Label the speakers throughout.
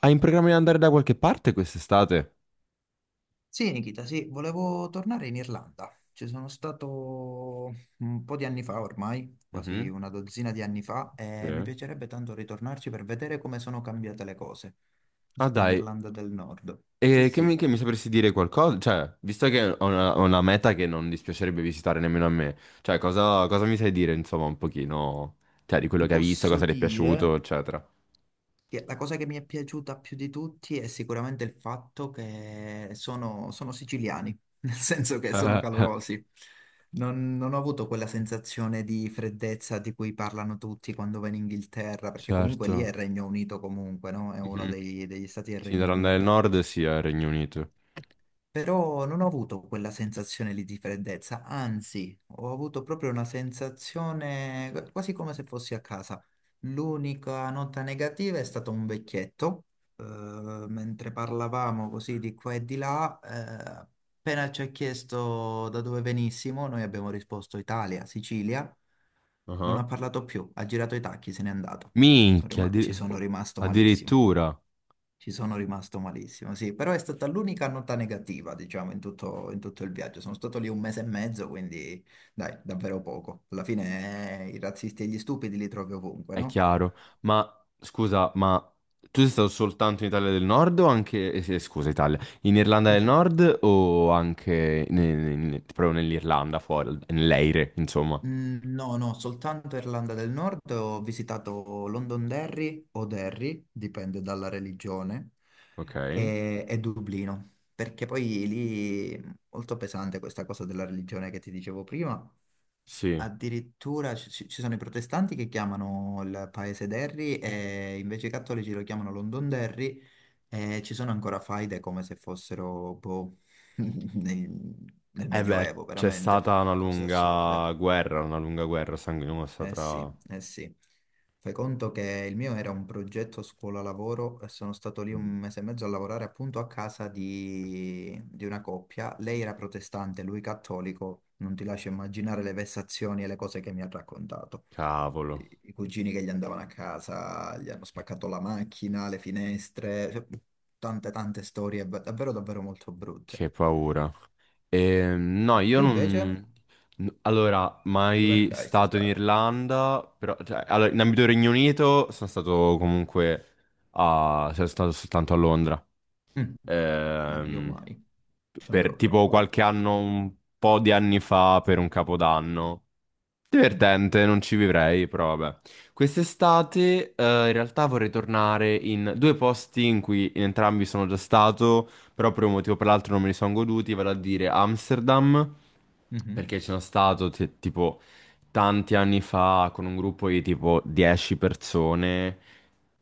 Speaker 1: Hai in programma di andare da qualche parte quest'estate?
Speaker 2: Sì, Nikita, sì, volevo tornare in Irlanda. Ci sono stato un po' di anni fa ormai, quasi
Speaker 1: Mhm.
Speaker 2: una dozzina di anni fa,
Speaker 1: Sì.
Speaker 2: e mi piacerebbe tanto ritornarci per vedere come sono cambiate le cose. Sono
Speaker 1: Ah
Speaker 2: stato in
Speaker 1: dai,
Speaker 2: Irlanda del Nord. Sì,
Speaker 1: e che mi,
Speaker 2: sì.
Speaker 1: che mi sapresti dire qualcosa? Cioè, visto che ho una meta che non dispiacerebbe visitare nemmeno a me, cioè cosa mi sai dire, insomma, un pochino, cioè, di quello
Speaker 2: Ti
Speaker 1: che hai visto,
Speaker 2: posso
Speaker 1: cosa ti è piaciuto,
Speaker 2: dire
Speaker 1: eccetera.
Speaker 2: Sì, la cosa che mi è piaciuta più di tutti è sicuramente il fatto che sono siciliani, nel senso che sono
Speaker 1: Eh, eh,
Speaker 2: calorosi. Non ho avuto quella sensazione di freddezza di cui parlano tutti quando vanno in Inghilterra, perché comunque lì è
Speaker 1: certo.
Speaker 2: il Regno Unito comunque, no? È uno
Speaker 1: Mhm.
Speaker 2: degli stati del
Speaker 1: Sì,
Speaker 2: Regno
Speaker 1: Irlanda del
Speaker 2: Unito.
Speaker 1: Nord, sì, al Regno Unito.
Speaker 2: Però non ho avuto quella sensazione lì di freddezza, anzi, ho avuto proprio una sensazione quasi come se fossi a casa. L'unica nota negativa è stato un vecchietto, mentre parlavamo così di qua e di là, appena ci ha chiesto da dove venissimo, noi abbiamo risposto Italia, Sicilia, non
Speaker 1: Ah,
Speaker 2: ha parlato più, ha girato i tacchi, se n'è andato.
Speaker 1: minchia,
Speaker 2: Ci sono
Speaker 1: oh,
Speaker 2: rimasto malissimo.
Speaker 1: addirittura.
Speaker 2: Ci sono rimasto malissimo, sì, però è stata l'unica nota negativa, diciamo, in tutto il viaggio. Sono stato lì un mese e mezzo, quindi dai, davvero poco. Alla fine i razzisti e gli stupidi li trovi ovunque,
Speaker 1: È
Speaker 2: no?
Speaker 1: chiaro, ma scusa, ma tu sei stato soltanto in Italia del Nord o anche, sì, scusa Italia, in Irlanda del Nord o anche proprio nell'Irlanda fuori, nell'Eire, insomma?
Speaker 2: Mm, no, no, soltanto Irlanda del Nord. Ho visitato Londonderry o Derry, dipende dalla religione,
Speaker 1: Ok,
Speaker 2: e Dublino, perché poi lì molto pesante questa cosa della religione che ti dicevo prima.
Speaker 1: sì.
Speaker 2: Addirittura ci sono i protestanti che chiamano il paese Derry e invece i cattolici lo chiamano Londonderry e ci sono ancora faide come se fossero boh, nel, nel
Speaker 1: Eh beh,
Speaker 2: Medioevo,
Speaker 1: c'è
Speaker 2: veramente,
Speaker 1: stata
Speaker 2: cose assurde.
Speaker 1: una lunga guerra sanguinosa
Speaker 2: Eh sì,
Speaker 1: tra...
Speaker 2: eh sì. Fai conto che il mio era un progetto scuola-lavoro e sono stato lì un
Speaker 1: Mm.
Speaker 2: mese e mezzo a lavorare appunto a casa di una coppia. Lei era protestante, lui cattolico. Non ti lascio immaginare le vessazioni e le cose che mi ha raccontato.
Speaker 1: Cavolo,
Speaker 2: I cugini che gli andavano a casa, gli hanno spaccato la macchina, le finestre, cioè, tante tante storie davvero davvero molto brutte.
Speaker 1: che paura. No, io
Speaker 2: Tu invece
Speaker 1: non... n- allora,
Speaker 2: dove
Speaker 1: mai
Speaker 2: andrai
Speaker 1: stato in
Speaker 2: quest'estate?
Speaker 1: Irlanda, però... cioè, allora, in ambito Regno Unito sono stato comunque a... cioè, sono stato soltanto a Londra.
Speaker 2: Mm. Io
Speaker 1: Ehm,
Speaker 2: mai, ci
Speaker 1: per
Speaker 2: andrò prima o
Speaker 1: tipo
Speaker 2: poi.
Speaker 1: qualche anno, un po' di anni fa, per un capodanno.
Speaker 2: Mm.
Speaker 1: Divertente, non ci vivrei, però vabbè. Quest'estate, in realtà vorrei tornare in due posti in cui in entrambi sono già stato, però per un motivo o per l'altro non me li sono goduti, vale a dire Amsterdam,
Speaker 2: Mhm.
Speaker 1: perché ci sono stato tipo tanti anni fa con un gruppo di tipo 10 persone,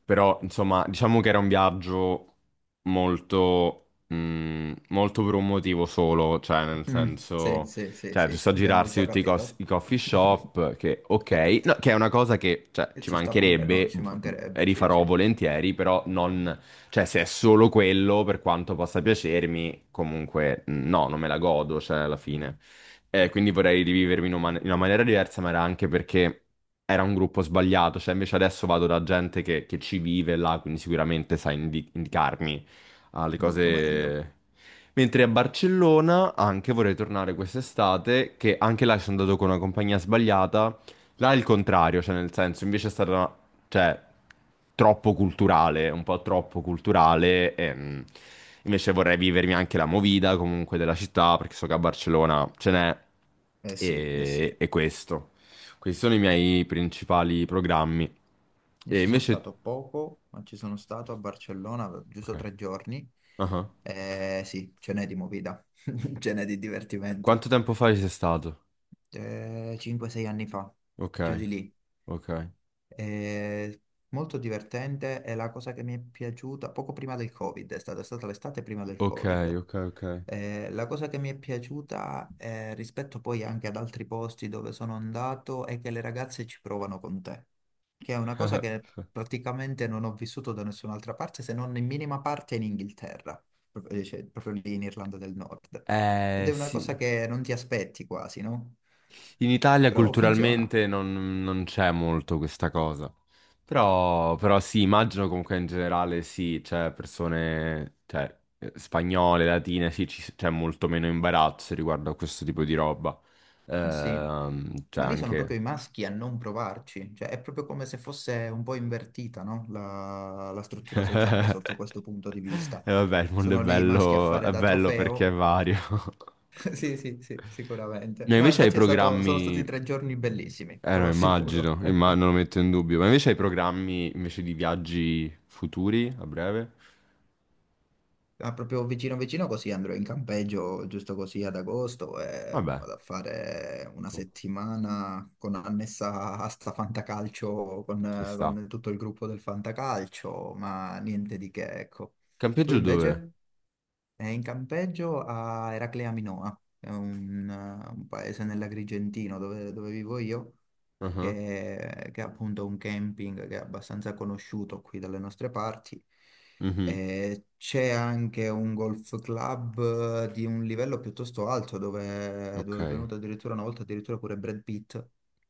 Speaker 1: però insomma, diciamo che era un viaggio molto, molto per un motivo solo, cioè nel
Speaker 2: Mm, sì,
Speaker 1: senso...
Speaker 2: sì, sì,
Speaker 1: Cioè,
Speaker 2: sì,
Speaker 1: giusto
Speaker 2: che
Speaker 1: a
Speaker 2: abbiamo
Speaker 1: girarsi
Speaker 2: già
Speaker 1: tutti i,
Speaker 2: capito.
Speaker 1: i coffee shop, che ok,
Speaker 2: Certo,
Speaker 1: no, che è una cosa che cioè,
Speaker 2: e
Speaker 1: ci
Speaker 2: ci sta pure, no?
Speaker 1: mancherebbe,
Speaker 2: Ci mancherebbe, sì,
Speaker 1: rifarò
Speaker 2: sì,
Speaker 1: volentieri, però non, cioè, se è solo quello, per quanto possa piacermi, comunque no, non me la godo, cioè, alla fine. Quindi vorrei rivivermi in una, in una maniera diversa, ma era anche perché era un gruppo sbagliato, cioè, invece adesso vado da gente che ci vive là, quindi sicuramente sa indicarmi alle
Speaker 2: molto meglio.
Speaker 1: cose. Mentre a Barcellona anche vorrei tornare quest'estate, che anche là ci sono andato con una compagnia sbagliata. Là è il contrario, cioè nel senso, invece è stata, cioè, troppo culturale, un po' troppo culturale. E, invece vorrei vivermi anche la movida comunque della città, perché so che a Barcellona ce n'è.
Speaker 2: Eh sì, eh sì. Io
Speaker 1: E questo. Questi sono i miei principali programmi. E
Speaker 2: ci sono
Speaker 1: invece...
Speaker 2: stato poco, ma ci sono stato a Barcellona
Speaker 1: Ok.
Speaker 2: giusto tre giorni.
Speaker 1: Ah ah.
Speaker 2: Eh sì, ce n'è di movida, ce n'è di divertimento.
Speaker 1: Quanto tempo fa ci sei stato?
Speaker 2: 5-6 anni fa,
Speaker 1: Ok,
Speaker 2: giù di lì.
Speaker 1: ok.
Speaker 2: È molto divertente, è la cosa che mi è piaciuta poco prima del Covid, è stata l'estate prima del
Speaker 1: Ok,
Speaker 2: Covid.
Speaker 1: ok, ok.
Speaker 2: La cosa che mi è piaciuta rispetto poi anche ad altri posti dove sono andato è che le ragazze ci provano con te, che è una cosa che praticamente non ho vissuto da nessun'altra parte se non in minima parte in Inghilterra, proprio, cioè, proprio lì in Irlanda del Nord. Ed
Speaker 1: Eh
Speaker 2: è una cosa
Speaker 1: sì,
Speaker 2: che non ti aspetti quasi, no?
Speaker 1: in Italia
Speaker 2: Però funziona.
Speaker 1: culturalmente non, non c'è molto questa cosa. Però, però sì, immagino comunque in generale sì, c'è persone, cioè spagnole, latine, sì, c'è molto meno imbarazzo riguardo a questo tipo di roba.
Speaker 2: Eh sì,
Speaker 1: Cioè
Speaker 2: ma lì sono proprio
Speaker 1: anche...
Speaker 2: i maschi a non provarci, cioè è proprio come se fosse un po' invertita, no? La struttura sociale sotto questo punto di vista.
Speaker 1: E vabbè, il mondo
Speaker 2: Sono lì i maschi a fare
Speaker 1: è
Speaker 2: da
Speaker 1: bello perché è
Speaker 2: trofeo.
Speaker 1: vario.
Speaker 2: Sì, sì, sì, sicuramente.
Speaker 1: Ma
Speaker 2: No,
Speaker 1: invece hai
Speaker 2: infatti sono
Speaker 1: programmi...
Speaker 2: stati tre giorni bellissimi,
Speaker 1: Eh
Speaker 2: te
Speaker 1: no,
Speaker 2: lo assicuro.
Speaker 1: immagino, non lo metto in dubbio. Ma invece hai programmi invece di viaggi futuri a breve?
Speaker 2: Ah, proprio vicino vicino così andrò in campeggio giusto così ad agosto e
Speaker 1: Vabbè,
Speaker 2: vado a fare una
Speaker 1: com-
Speaker 2: settimana con annessa a sta fantacalcio con,
Speaker 1: ci sta.
Speaker 2: con tutto il gruppo del fantacalcio, ma niente di che, ecco. Tu
Speaker 1: Campeggio dove?
Speaker 2: invece? È in campeggio a Eraclea Minoa, è un paese nell'Agrigentino dove vivo io
Speaker 1: Ah,
Speaker 2: che è appunto un camping che è abbastanza conosciuto qui dalle nostre parti.
Speaker 1: mhm.
Speaker 2: E c'è anche un golf club di un livello piuttosto alto dove,
Speaker 1: Ok.
Speaker 2: dove è venuto addirittura una volta addirittura pure Brad Pitt.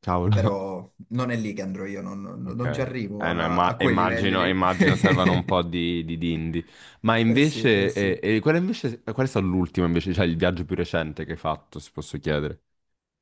Speaker 1: Cavolo.
Speaker 2: Però non è lì che andrò io, non, non-
Speaker 1: Ok.
Speaker 2: non ci arrivo
Speaker 1: Eh no,
Speaker 2: a, a quei livelli
Speaker 1: immagino,
Speaker 2: lì.
Speaker 1: immagino servano un po' di dindi. Ma
Speaker 2: Eh sì, eh
Speaker 1: invece,
Speaker 2: sì.
Speaker 1: qual è invece, qual è stato l'ultimo invece, cioè il viaggio più recente che hai fatto, se posso chiedere?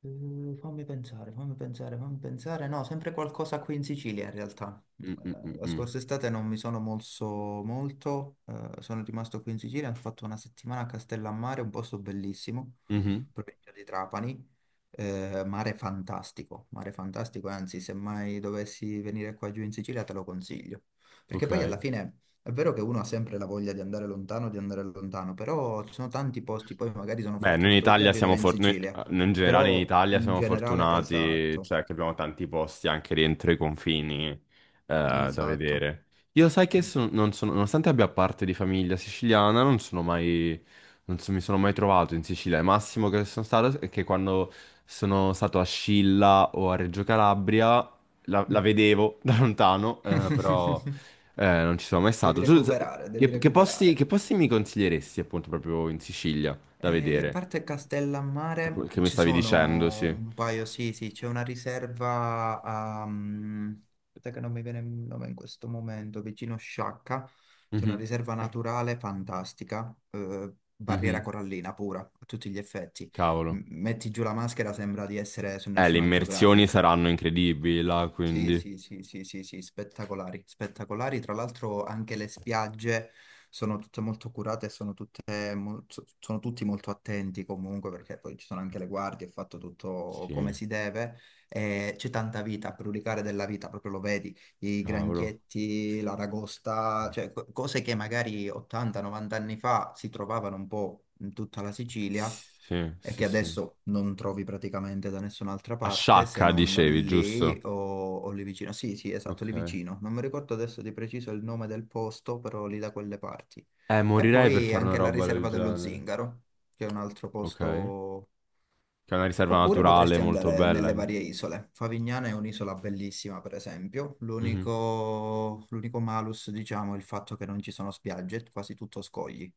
Speaker 2: Fammi pensare, fammi pensare, fammi pensare. No, sempre qualcosa qui in Sicilia in realtà.
Speaker 1: Mm, mm, mm,
Speaker 2: La
Speaker 1: mm.
Speaker 2: scorsa estate non mi sono mosso molto, sono rimasto qui in Sicilia, ho fatto una settimana a Castellammare, un posto bellissimo,
Speaker 1: Mhm.
Speaker 2: provincia di Trapani. Mare fantastico, mare fantastico, anzi, se mai dovessi venire qua giù in Sicilia te lo consiglio. Perché
Speaker 1: Ok.
Speaker 2: poi alla fine è vero che uno ha sempre la voglia di andare lontano, però ci sono tanti posti, poi magari sono
Speaker 1: Beh, noi in
Speaker 2: fortunato io a
Speaker 1: Italia
Speaker 2: vivere
Speaker 1: siamo
Speaker 2: in
Speaker 1: fortunati,
Speaker 2: Sicilia
Speaker 1: in generale in
Speaker 2: però
Speaker 1: Italia
Speaker 2: in
Speaker 1: siamo
Speaker 2: generale,
Speaker 1: fortunati,
Speaker 2: esatto,
Speaker 1: cioè che abbiamo tanti posti anche dentro i confini da
Speaker 2: esatto.
Speaker 1: vedere. Io sai che non sono, nonostante abbia parte di famiglia siciliana, non sono mai, non so- mi sono mai trovato in Sicilia. Il massimo che sono stato è che quando sono stato a Scilla o a Reggio Calabria, la
Speaker 2: Mm.
Speaker 1: vedevo da lontano, però non ci sono mai
Speaker 2: Devi
Speaker 1: stato. Tu,
Speaker 2: recuperare,
Speaker 1: che,
Speaker 2: devi
Speaker 1: che posti, che
Speaker 2: recuperare.
Speaker 1: posti mi consiglieresti appunto proprio in Sicilia da
Speaker 2: Io a
Speaker 1: vedere?
Speaker 2: parte Castellammare
Speaker 1: Che mi
Speaker 2: ci
Speaker 1: stavi dicendo,
Speaker 2: sono
Speaker 1: sì.
Speaker 2: un paio, sì, sì, c'è una riserva a, aspetta che non mi viene il nome in questo momento, vicino Sciacca, c'è una
Speaker 1: Mhm,
Speaker 2: riserva naturale fantastica, barriera
Speaker 1: mhm.
Speaker 2: corallina pura, a tutti gli effetti. M-
Speaker 1: Cavolo.
Speaker 2: metti giù la maschera, sembra di essere su
Speaker 1: Le
Speaker 2: National
Speaker 1: immersioni
Speaker 2: Geographic.
Speaker 1: saranno incredibili là,
Speaker 2: Sì,
Speaker 1: quindi.
Speaker 2: sì, sì, sì, sì, sì, spettacolari, spettacolari. Tra l'altro anche le spiagge sono tutte molto curate e sono tutti molto attenti comunque perché poi ci sono anche le guardie, è fatto tutto
Speaker 1: Sì,
Speaker 2: come si deve e c'è tanta vita, a brulicare della vita, proprio lo vedi, i
Speaker 1: cavolo.
Speaker 2: granchietti, l'aragosta, cioè cose che magari 80-90 anni fa si trovavano un po' in tutta la Sicilia
Speaker 1: Sì,
Speaker 2: e
Speaker 1: sì,
Speaker 2: che
Speaker 1: sì.
Speaker 2: adesso non trovi praticamente da nessun'altra
Speaker 1: A
Speaker 2: parte se
Speaker 1: Sciacca,
Speaker 2: non
Speaker 1: dicevi,
Speaker 2: lì
Speaker 1: giusto?
Speaker 2: o lì vicino. Sì, sì, esatto, lì
Speaker 1: Ok.
Speaker 2: vicino. Non mi ricordo adesso di preciso il nome del posto, però lì da quelle parti. E
Speaker 1: Morirei per
Speaker 2: poi
Speaker 1: fare una
Speaker 2: anche la
Speaker 1: roba del
Speaker 2: riserva dello
Speaker 1: genere.
Speaker 2: Zingaro, che è un altro
Speaker 1: Ok. Che
Speaker 2: posto.
Speaker 1: è una riserva
Speaker 2: Oppure
Speaker 1: naturale
Speaker 2: potresti
Speaker 1: molto
Speaker 2: andare
Speaker 1: bella.
Speaker 2: nelle
Speaker 1: Eh.
Speaker 2: varie isole. Favignana è un'isola bellissima, per esempio.
Speaker 1: Mhm.
Speaker 2: L'unico malus, diciamo, è il fatto che non ci sono spiagge, è quasi tutto scogli.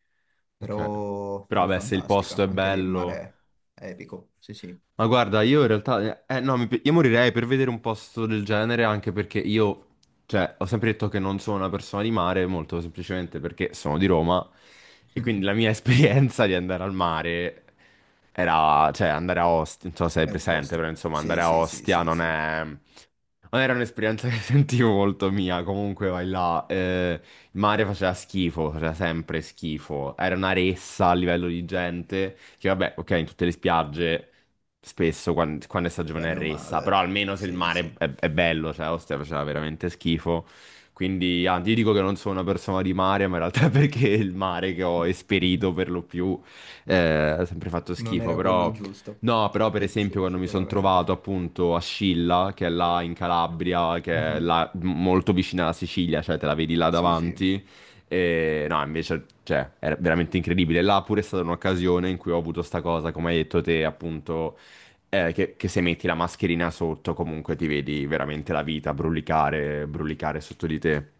Speaker 1: Ok.
Speaker 2: Però,
Speaker 1: Però,
Speaker 2: però è
Speaker 1: beh, se il posto
Speaker 2: fantastica.
Speaker 1: è
Speaker 2: Anche lì il
Speaker 1: bello.
Speaker 2: mare è epico. Sì, sì.
Speaker 1: Ma guarda, io in realtà, no, io morirei per vedere un posto del genere anche perché io, cioè, ho sempre detto che non sono una persona di mare, molto semplicemente perché sono di Roma e quindi la mia esperienza di andare al mare era, cioè, andare a Ostia, non so se sei
Speaker 2: È
Speaker 1: presente,
Speaker 2: tosta.
Speaker 1: però insomma,
Speaker 2: Sì,
Speaker 1: andare a
Speaker 2: sì, sì,
Speaker 1: Ostia
Speaker 2: sì,
Speaker 1: non
Speaker 2: sì.
Speaker 1: è, ma era un'esperienza che sentivo molto mia, comunque vai là, il mare faceva schifo, faceva sempre schifo, era una ressa a livello di gente, che vabbè, ok, in tutte le spiagge spesso quando, è stagione è
Speaker 2: Bene o
Speaker 1: ressa, però
Speaker 2: male.
Speaker 1: almeno se il
Speaker 2: Sì,
Speaker 1: mare
Speaker 2: sì.
Speaker 1: è bello, cioè Ostia faceva veramente schifo, quindi ah, ti dico che non sono una persona di mare, ma in realtà è perché il mare che ho esperito per lo più ha sempre fatto
Speaker 2: Non
Speaker 1: schifo,
Speaker 2: era quello
Speaker 1: però...
Speaker 2: giusto.
Speaker 1: No, però per
Speaker 2: Sì,
Speaker 1: esempio
Speaker 2: sì,
Speaker 1: quando mi sono
Speaker 2: sicuramente.
Speaker 1: trovato appunto a Scilla, che è là in Calabria, che è
Speaker 2: Mhm.
Speaker 1: là molto vicina alla Sicilia, cioè te la vedi là
Speaker 2: Sì, sì.
Speaker 1: davanti, e no, invece, cioè, era veramente incredibile. Là pure è stata un'occasione in cui ho avuto sta cosa, come hai detto te, appunto, che se metti la mascherina sotto comunque ti vedi veramente la vita brulicare, brulicare sotto di te.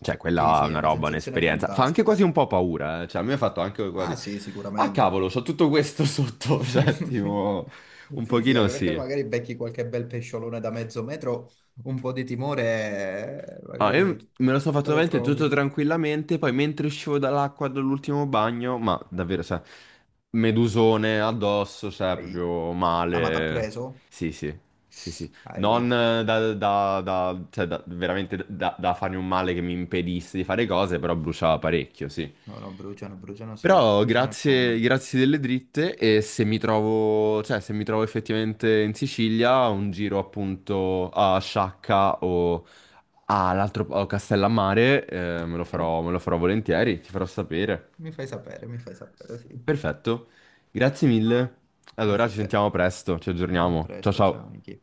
Speaker 1: Cioè,
Speaker 2: Sì,
Speaker 1: quella è
Speaker 2: sì, è
Speaker 1: una
Speaker 2: una
Speaker 1: roba,
Speaker 2: sensazione
Speaker 1: un'esperienza. Fa anche quasi
Speaker 2: fantastica.
Speaker 1: un po' paura, eh. Cioè, a me ha fatto anche quasi...
Speaker 2: Ah, sì,
Speaker 1: Ah,
Speaker 2: sicuramente.
Speaker 1: cavolo, c'ho tutto questo sotto, cioè, tipo, un
Speaker 2: Sì, sì,
Speaker 1: pochino
Speaker 2: anche perché
Speaker 1: sì.
Speaker 2: magari becchi qualche bel pesciolone da mezzo metro, un po' di timore,
Speaker 1: Ah, io
Speaker 2: magari
Speaker 1: me lo sono fatto
Speaker 2: te lo
Speaker 1: veramente tutto
Speaker 2: trovi.
Speaker 1: tranquillamente, poi mentre uscivo dall'acqua dall'ultimo bagno, ma davvero, cioè, medusone addosso, cioè,
Speaker 2: Ai.
Speaker 1: proprio
Speaker 2: Ah, ma t'ha
Speaker 1: male.
Speaker 2: preso?
Speaker 1: Sì, sì, sì, sì.
Speaker 2: Ai.
Speaker 1: Non veramente da, da farmi un male che mi impedisse di fare cose, però bruciava parecchio, sì.
Speaker 2: No, no, bruciano, bruciano sì,
Speaker 1: Però
Speaker 2: bruciano è
Speaker 1: grazie,
Speaker 2: come.
Speaker 1: grazie delle dritte e se mi trovo, cioè, se mi trovo effettivamente in Sicilia, un giro appunto a Sciacca o all'altro a Castellammare,
Speaker 2: Eh,
Speaker 1: me lo farò volentieri, ti farò sapere.
Speaker 2: Mi fai sapere, sì.
Speaker 1: Perfetto, grazie mille. Allora
Speaker 2: Grazie a
Speaker 1: ci
Speaker 2: te.
Speaker 1: sentiamo presto, ci
Speaker 2: A
Speaker 1: aggiorniamo. Ciao
Speaker 2: presto,
Speaker 1: ciao.
Speaker 2: ciao Nichi.